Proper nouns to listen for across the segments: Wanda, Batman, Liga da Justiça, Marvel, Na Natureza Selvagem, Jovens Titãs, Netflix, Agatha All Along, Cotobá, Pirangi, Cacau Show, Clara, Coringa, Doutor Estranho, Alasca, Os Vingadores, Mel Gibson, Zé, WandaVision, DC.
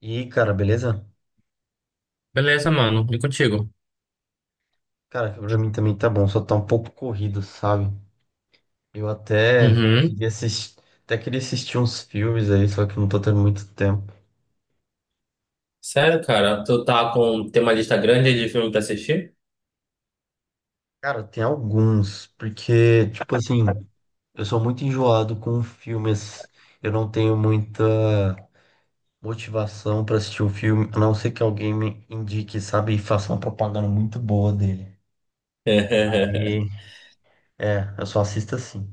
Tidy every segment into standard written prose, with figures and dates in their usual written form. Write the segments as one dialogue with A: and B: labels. A: E aí, cara, beleza?
B: Beleza, mano. E contigo?
A: Cara, pra mim também tá bom, só tá um pouco corrido, sabe? Eu
B: Uhum.
A: até queria assistir uns filmes aí, só que eu não tô tendo muito tempo.
B: Sério, cara? Tem uma lista grande de filme pra assistir?
A: Cara, tem alguns, porque, tipo assim, eu sou muito enjoado com filmes. Eu não tenho muita motivação pra assistir um filme, a não ser que alguém me indique, sabe? E faça uma propaganda muito boa dele. Aí, é, eu só assisto assim.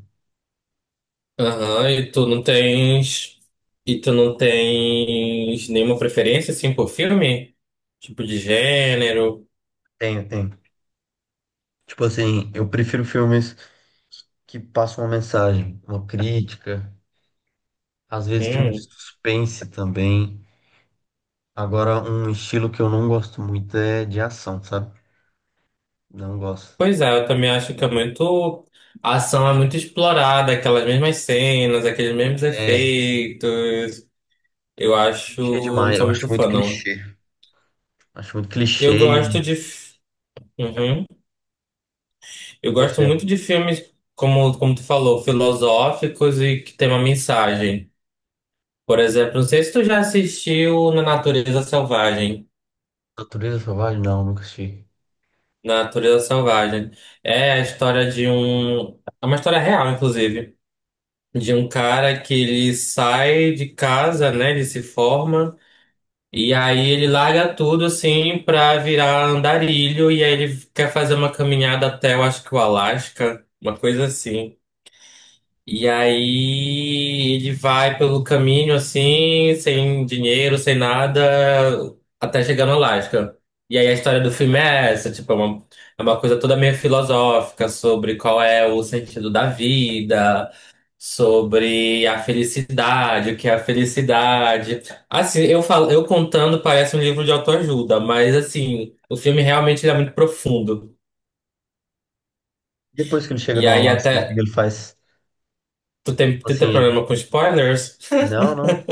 B: Aham. E tu não tens nenhuma preferência, assim, por filme? Tipo de gênero?
A: Tenho, tenho. Tipo assim, eu prefiro filmes que passa uma mensagem, uma crítica, às vezes filme de
B: Hum.
A: suspense também. Agora, um estilo que eu não gosto muito é de ação, sabe? Não gosto.
B: Pois é, eu também acho que é muito... A ação é muito explorada, aquelas mesmas cenas, aqueles mesmos
A: É,
B: efeitos. Eu
A: clichê
B: acho... Não
A: demais,
B: sou
A: eu acho
B: muito
A: muito
B: fã, não.
A: clichê. Acho muito
B: Eu
A: clichê.
B: gosto
A: E
B: de... f- Uhum. Eu
A: e
B: gosto
A: você?
B: muito de filmes, como tu falou, filosóficos e que tem uma mensagem. Por exemplo, não sei se tu já assistiu Na Natureza Selvagem.
A: Natureza Selvagem? Não, nunca assisti.
B: Na Natureza Selvagem. É a história de um. É uma história real, inclusive. De um cara que ele sai de casa, né? Ele se forma. E aí ele larga tudo, assim, pra virar andarilho. E aí ele quer fazer uma caminhada até, eu acho que o Alasca. Uma coisa assim. E aí ele vai pelo caminho assim, sem dinheiro, sem nada, até chegar no Alasca. E aí a história do filme é essa, tipo, é uma coisa toda meio filosófica sobre qual é o sentido da vida, sobre a felicidade, o que é a felicidade. Assim, eu falo, eu contando parece um livro de autoajuda, mas assim, o filme realmente ele é muito profundo.
A: Depois que ele chega
B: E
A: no
B: aí
A: Alasca, o que que
B: até
A: ele faz?
B: tu tem
A: Assim, ele.
B: problema com spoilers?
A: Não, não.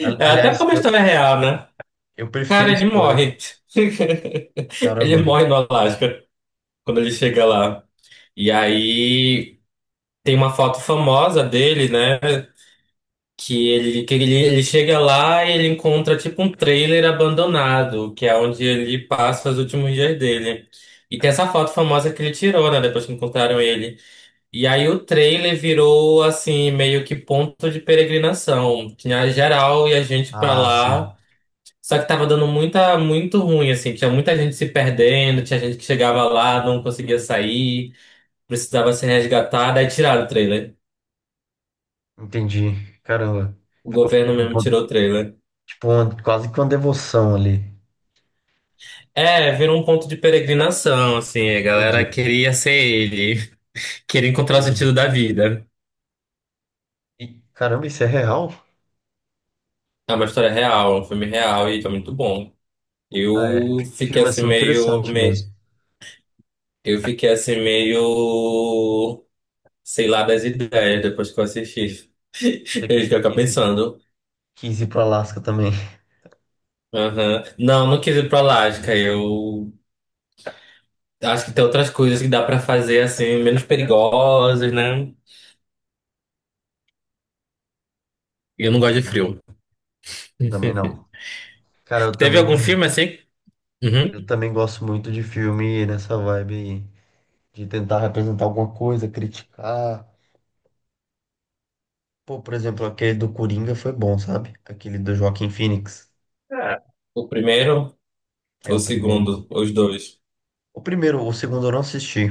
B: É, até porque
A: Aliás,
B: é uma história é real, né?
A: eu
B: Cara,
A: prefiro
B: ele
A: escolha.
B: morre. Ele
A: Caramba.
B: morre no Alasca quando ele chega lá. E aí tem uma foto famosa dele, né? Que ele chega lá e ele encontra tipo um trailer abandonado, que é onde ele passa os últimos dias dele. E tem essa foto famosa que ele tirou, né? Depois que encontraram ele. E aí o trailer virou assim, meio que ponto de peregrinação. Tinha geral e a gente pra
A: Ah, sim.
B: lá. Só que tava dando muito ruim, assim. Tinha muita gente se perdendo, tinha gente que chegava lá, não conseguia sair, precisava ser resgatada. Aí tiraram o trailer.
A: Entendi. Caramba.
B: O
A: Ficou meio
B: governo
A: que um
B: mesmo
A: ponto.
B: tirou o trailer.
A: Tipo, quase que uma devoção ali.
B: É, virou um ponto de peregrinação, assim. A galera
A: Entendi.
B: queria ser ele, queria encontrar o
A: Ouro.
B: sentido da vida.
A: E, caramba, isso é real?
B: É uma história real, é um filme real e foi muito bom.
A: Ah, é.
B: Eu fiquei
A: Filme
B: assim
A: assim
B: meio,
A: interessante
B: me-
A: mesmo.
B: eu fiquei assim meio, sei lá, das ideias depois que eu assisti.
A: Você
B: Eu
A: que
B: fiquei pensando.
A: quis ir pro Alasca também.
B: Aham. Não, não quis ir pra Alasca. Eu acho que tem outras coisas que dá pra fazer assim, menos perigosas, né? Eu não gosto de
A: Entendi.
B: frio.
A: Também não. Cara,
B: Teve algum filme assim?
A: eu
B: Uhum.
A: também gosto muito de filme nessa vibe aí, de tentar representar alguma coisa, criticar. Pô, por exemplo, aquele do Coringa foi bom, sabe? Aquele do Joaquin Phoenix.
B: É. O primeiro
A: É
B: ou o
A: o primeiro.
B: segundo? Os dois.
A: O primeiro, o segundo eu não assisti.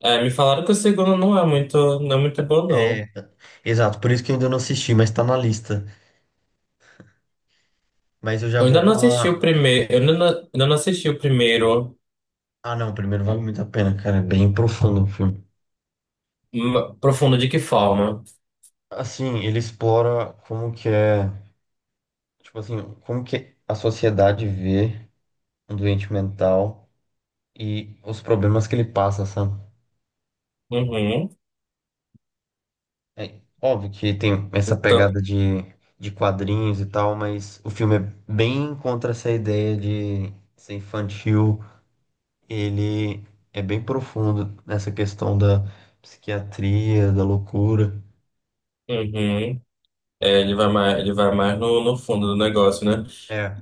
B: É, me falaram que o segundo não é muito bom,
A: É,
B: não.
A: exato, por isso que eu ainda não assisti, mas tá na lista. Mas eu já
B: Eu ainda
A: vou com
B: não assisti o
A: a.
B: primeiro. Eu ainda não assisti o primeiro.
A: Ah, não, o primeiro vale muito a pena, cara. É bem profundo o filme.
B: Profundo de que forma?
A: Assim, ele explora como que é, tipo assim, como que a sociedade vê um doente mental e os problemas que ele passa, sabe?
B: Uhum.
A: É óbvio que tem essa
B: Então,
A: pegada de quadrinhos e tal, mas o filme é bem contra essa ideia de ser infantil. Ele é bem profundo nessa questão da psiquiatria, da loucura.
B: uhum. É, ele vai mais no fundo do negócio, né?
A: É,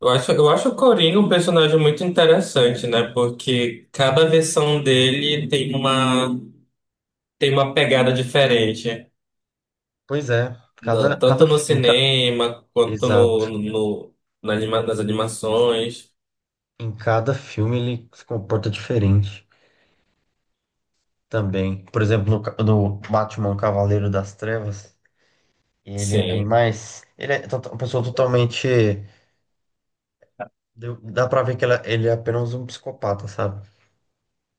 B: Eu acho o Coringa um personagem muito interessante, né? Porque cada versão dele tem uma, pegada diferente.
A: pois é. Cada, cada,
B: Tanto no
A: em ca-
B: cinema, quanto no,
A: exato.
B: no, na anima- nas animações.
A: Em cada filme ele se comporta diferente também. Por exemplo, no Batman Cavaleiro das Trevas, ele é bem
B: Sim.
A: mais. Ele é uma pessoa totalmente. Dá pra ver que ele é apenas um psicopata, sabe?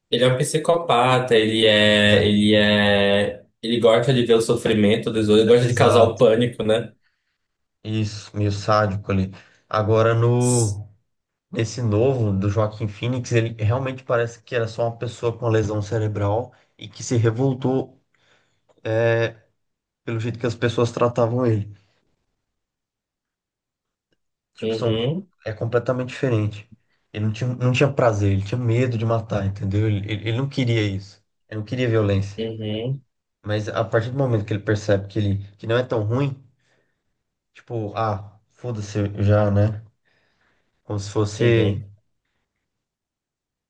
B: Ele é um psicopata,
A: É,
B: ele gosta de ver o sofrimento dos outros, ele gosta de causar o
A: exato.
B: pânico, né?
A: Isso, meio sádico ali. Agora,
B: S-
A: no, nesse novo do Joaquim Phoenix, ele realmente parece que era só uma pessoa com uma lesão cerebral e que se revoltou pelo jeito que as pessoas tratavam ele. Tipo, são,
B: Uhum,
A: é completamente diferente. Ele não tinha, não tinha prazer, ele tinha medo de matar, entendeu? Ele não queria isso. Ele não queria violência.
B: uhum,
A: Mas a partir do momento que ele percebe que ele que não é tão ruim, tipo, ah, foda-se eu já, né? Como se
B: uhum.
A: fosse,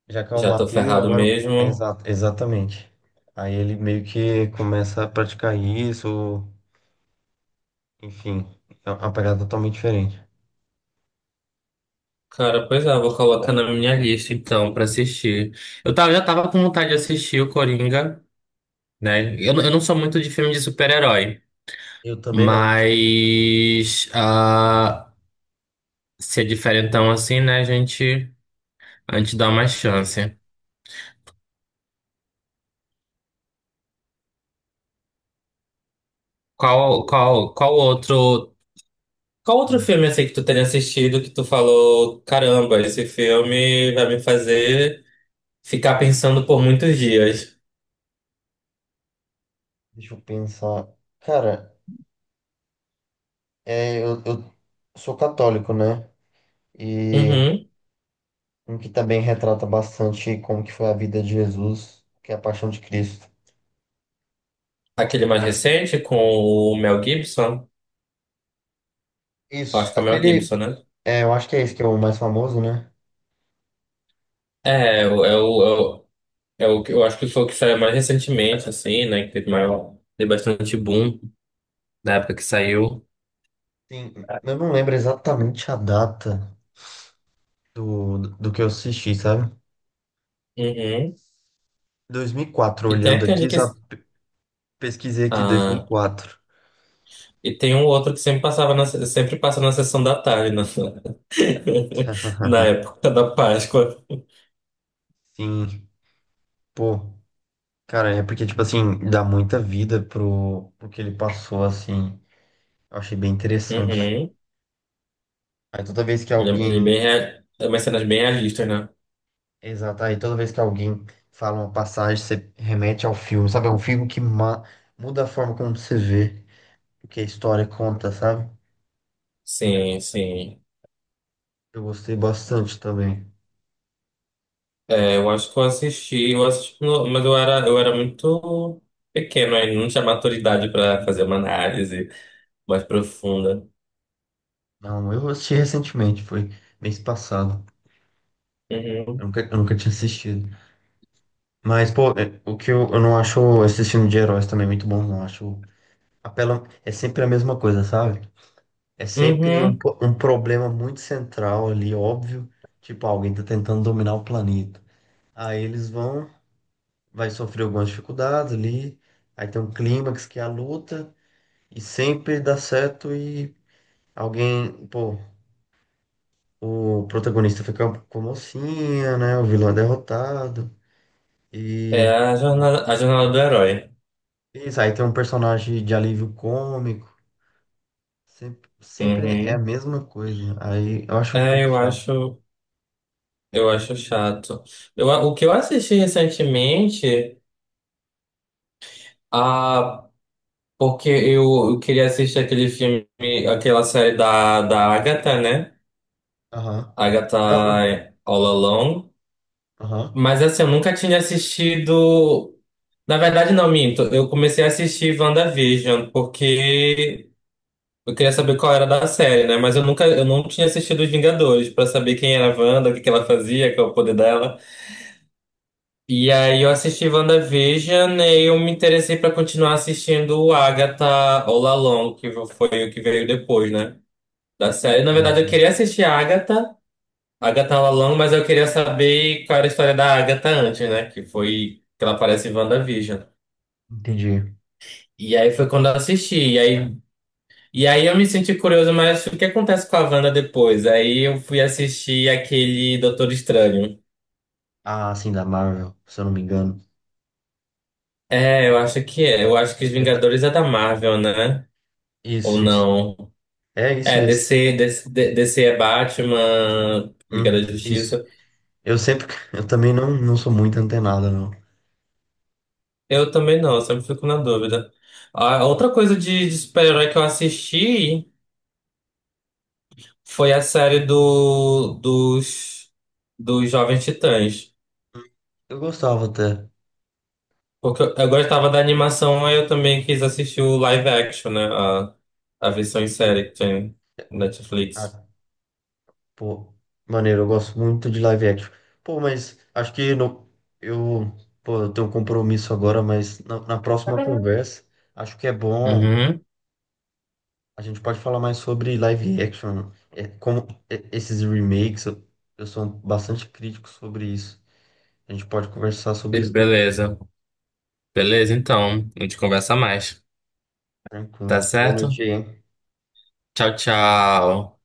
A: já que eu
B: Já tô
A: matei, eu
B: ferrado
A: agora. É,
B: mesmo.
A: exatamente. Aí ele meio que começa a praticar isso, enfim, é uma pegada totalmente diferente.
B: Cara, pois é, eu vou colocar na minha lista então pra assistir. Já tava com vontade de assistir o Coringa, né? Eu não sou muito de filme de super-herói,
A: Eu também não.
B: mas se é diferentão assim, né, a gente dá
A: É bem
B: uma
A: diferente.
B: chance.
A: E,
B: Qual,
A: e-
B: qual, qual outro, qual outro
A: ah,
B: filme assim que tu tenha assistido que tu falou, caramba, esse filme vai me fazer ficar pensando por muitos dias?
A: deixa eu pensar. Cara. É, eu sou católico, né? E
B: Uhum.
A: Uhum. Um que também retrata bastante como que foi a vida de Jesus, que é a paixão de Cristo.
B: Aquele mais recente com o Mel Gibson? Eu
A: Isso,
B: acho que é o Mel
A: aquele,
B: Gibson, né?
A: é, eu acho que é esse que é o mais famoso, né?
B: É, eu acho que foi o que saiu mais recentemente, assim, né? Que teve bastante boom na época que saiu.
A: Sim, eu não lembro exatamente a data do que eu assisti, sabe?
B: Uhum.
A: 2004
B: E tem
A: olhando
B: aquele
A: aqui,
B: que.
A: sabe? Pesquisei aqui dois mil e
B: Ah,
A: quatro
B: e tem um outro que sempre passa na sessão da tarde, na época da Páscoa.
A: Sim, pô, cara, é porque, tipo assim, dá muita vida pro que ele passou, assim. Eu achei bem interessante.
B: Uhum.
A: Aí toda vez que
B: Ele é
A: alguém.
B: bem, rea- é umas cenas bem realistas, né?
A: Exato, aí toda vez que alguém fala uma passagem, você remete ao filme, sabe? É um filme que muda a forma como você vê o que a história conta, sabe?
B: Sim, sim.
A: Eu gostei bastante também.
B: É, eu acho que eu assisti, mas eu era muito pequeno ainda, não tinha maturidade para fazer uma análise mais profunda.
A: Não, eu assisti recentemente, foi mês passado.
B: Uhum.
A: Eu nunca tinha assistido. Mas, pô, é, o que eu não acho esse filme de heróis também muito bom, não. Acho. Apela, é sempre a mesma coisa, sabe? É sempre
B: Uhum.
A: um problema muito central ali, óbvio. Tipo, alguém tá tentando dominar o planeta. Aí eles vão, vai sofrer algumas dificuldades ali, aí tem um clímax que é a luta, e sempre dá certo e alguém, pô, o protagonista fica com a mocinha, né? O vilão é derrotado.
B: É
A: E
B: a jornada do herói.
A: isso, aí tem um personagem de alívio cômico. Sempre, sempre é a
B: Uhum.
A: mesma coisa. Aí eu acho um
B: É,
A: pouco
B: eu
A: chato.
B: acho, eu acho chato. O que eu assisti recentemente, ah, porque eu queria assistir aquele filme, aquela série da Agatha, né?
A: Aham.
B: Agatha
A: Não, eu-
B: All Along.
A: aham.
B: Mas assim, eu nunca tinha assistido. Na verdade, não, minto. Eu comecei a assistir WandaVision porque eu queria saber qual era da série, né? Mas eu não tinha assistido Os Vingadores pra saber quem era a Wanda, o que que ela fazia, qual é o poder dela. E aí eu assisti WandaVision e eu me interessei pra continuar assistindo o Agatha All Along, que foi o que veio depois, né? Da série. Na
A: Sim,
B: verdade, eu
A: sim.
B: queria assistir a Agatha. Agatha Lalong, mas eu queria saber qual era a história da Agatha antes, né? Que foi que ela aparece em WandaVision.
A: Entendi.
B: E aí foi quando eu assisti. E aí eu me senti curioso, mas o que acontece com a Wanda depois? Aí eu fui assistir aquele Doutor Estranho.
A: Ah, sim, da Marvel, se eu não me engano.
B: É, eu acho que é. Eu acho que os
A: É, tá-
B: Vingadores é da Marvel, né? Ou
A: Isso, isso.
B: não?
A: É isso
B: É,
A: mesmo.
B: DC, DC, D- C, D- DC é Batman,
A: Hum,
B: Liga da
A: isso.
B: Justiça.
A: Eu sempre. Eu também não, não sou muito antenado, não.
B: Eu também não, eu sempre fico na dúvida. Ah, outra coisa de super-herói que eu assisti. Foi a série dos Jovens Titãs.
A: Eu gostava até.
B: Porque eu gostava da animação, aí eu também quis assistir o live action, né? A versão em
A: Tipo,
B: série que tem no Netflix.
A: ah, pô, maneiro, eu gosto muito de live action. Pô, mas acho que não, eu, pô, eu tenho um compromisso agora, mas na próxima conversa, acho que é bom.
B: Uhum.
A: A gente pode falar mais sobre live action. É, como é, esses remakes, eu sou bastante crítico sobre isso. A gente pode conversar sobre isso depois,
B: Beleza. Beleza, então. A gente conversa mais. Tá
A: tranquilo. Boa
B: certo?
A: noite aí, hein?
B: Tchau, tchau.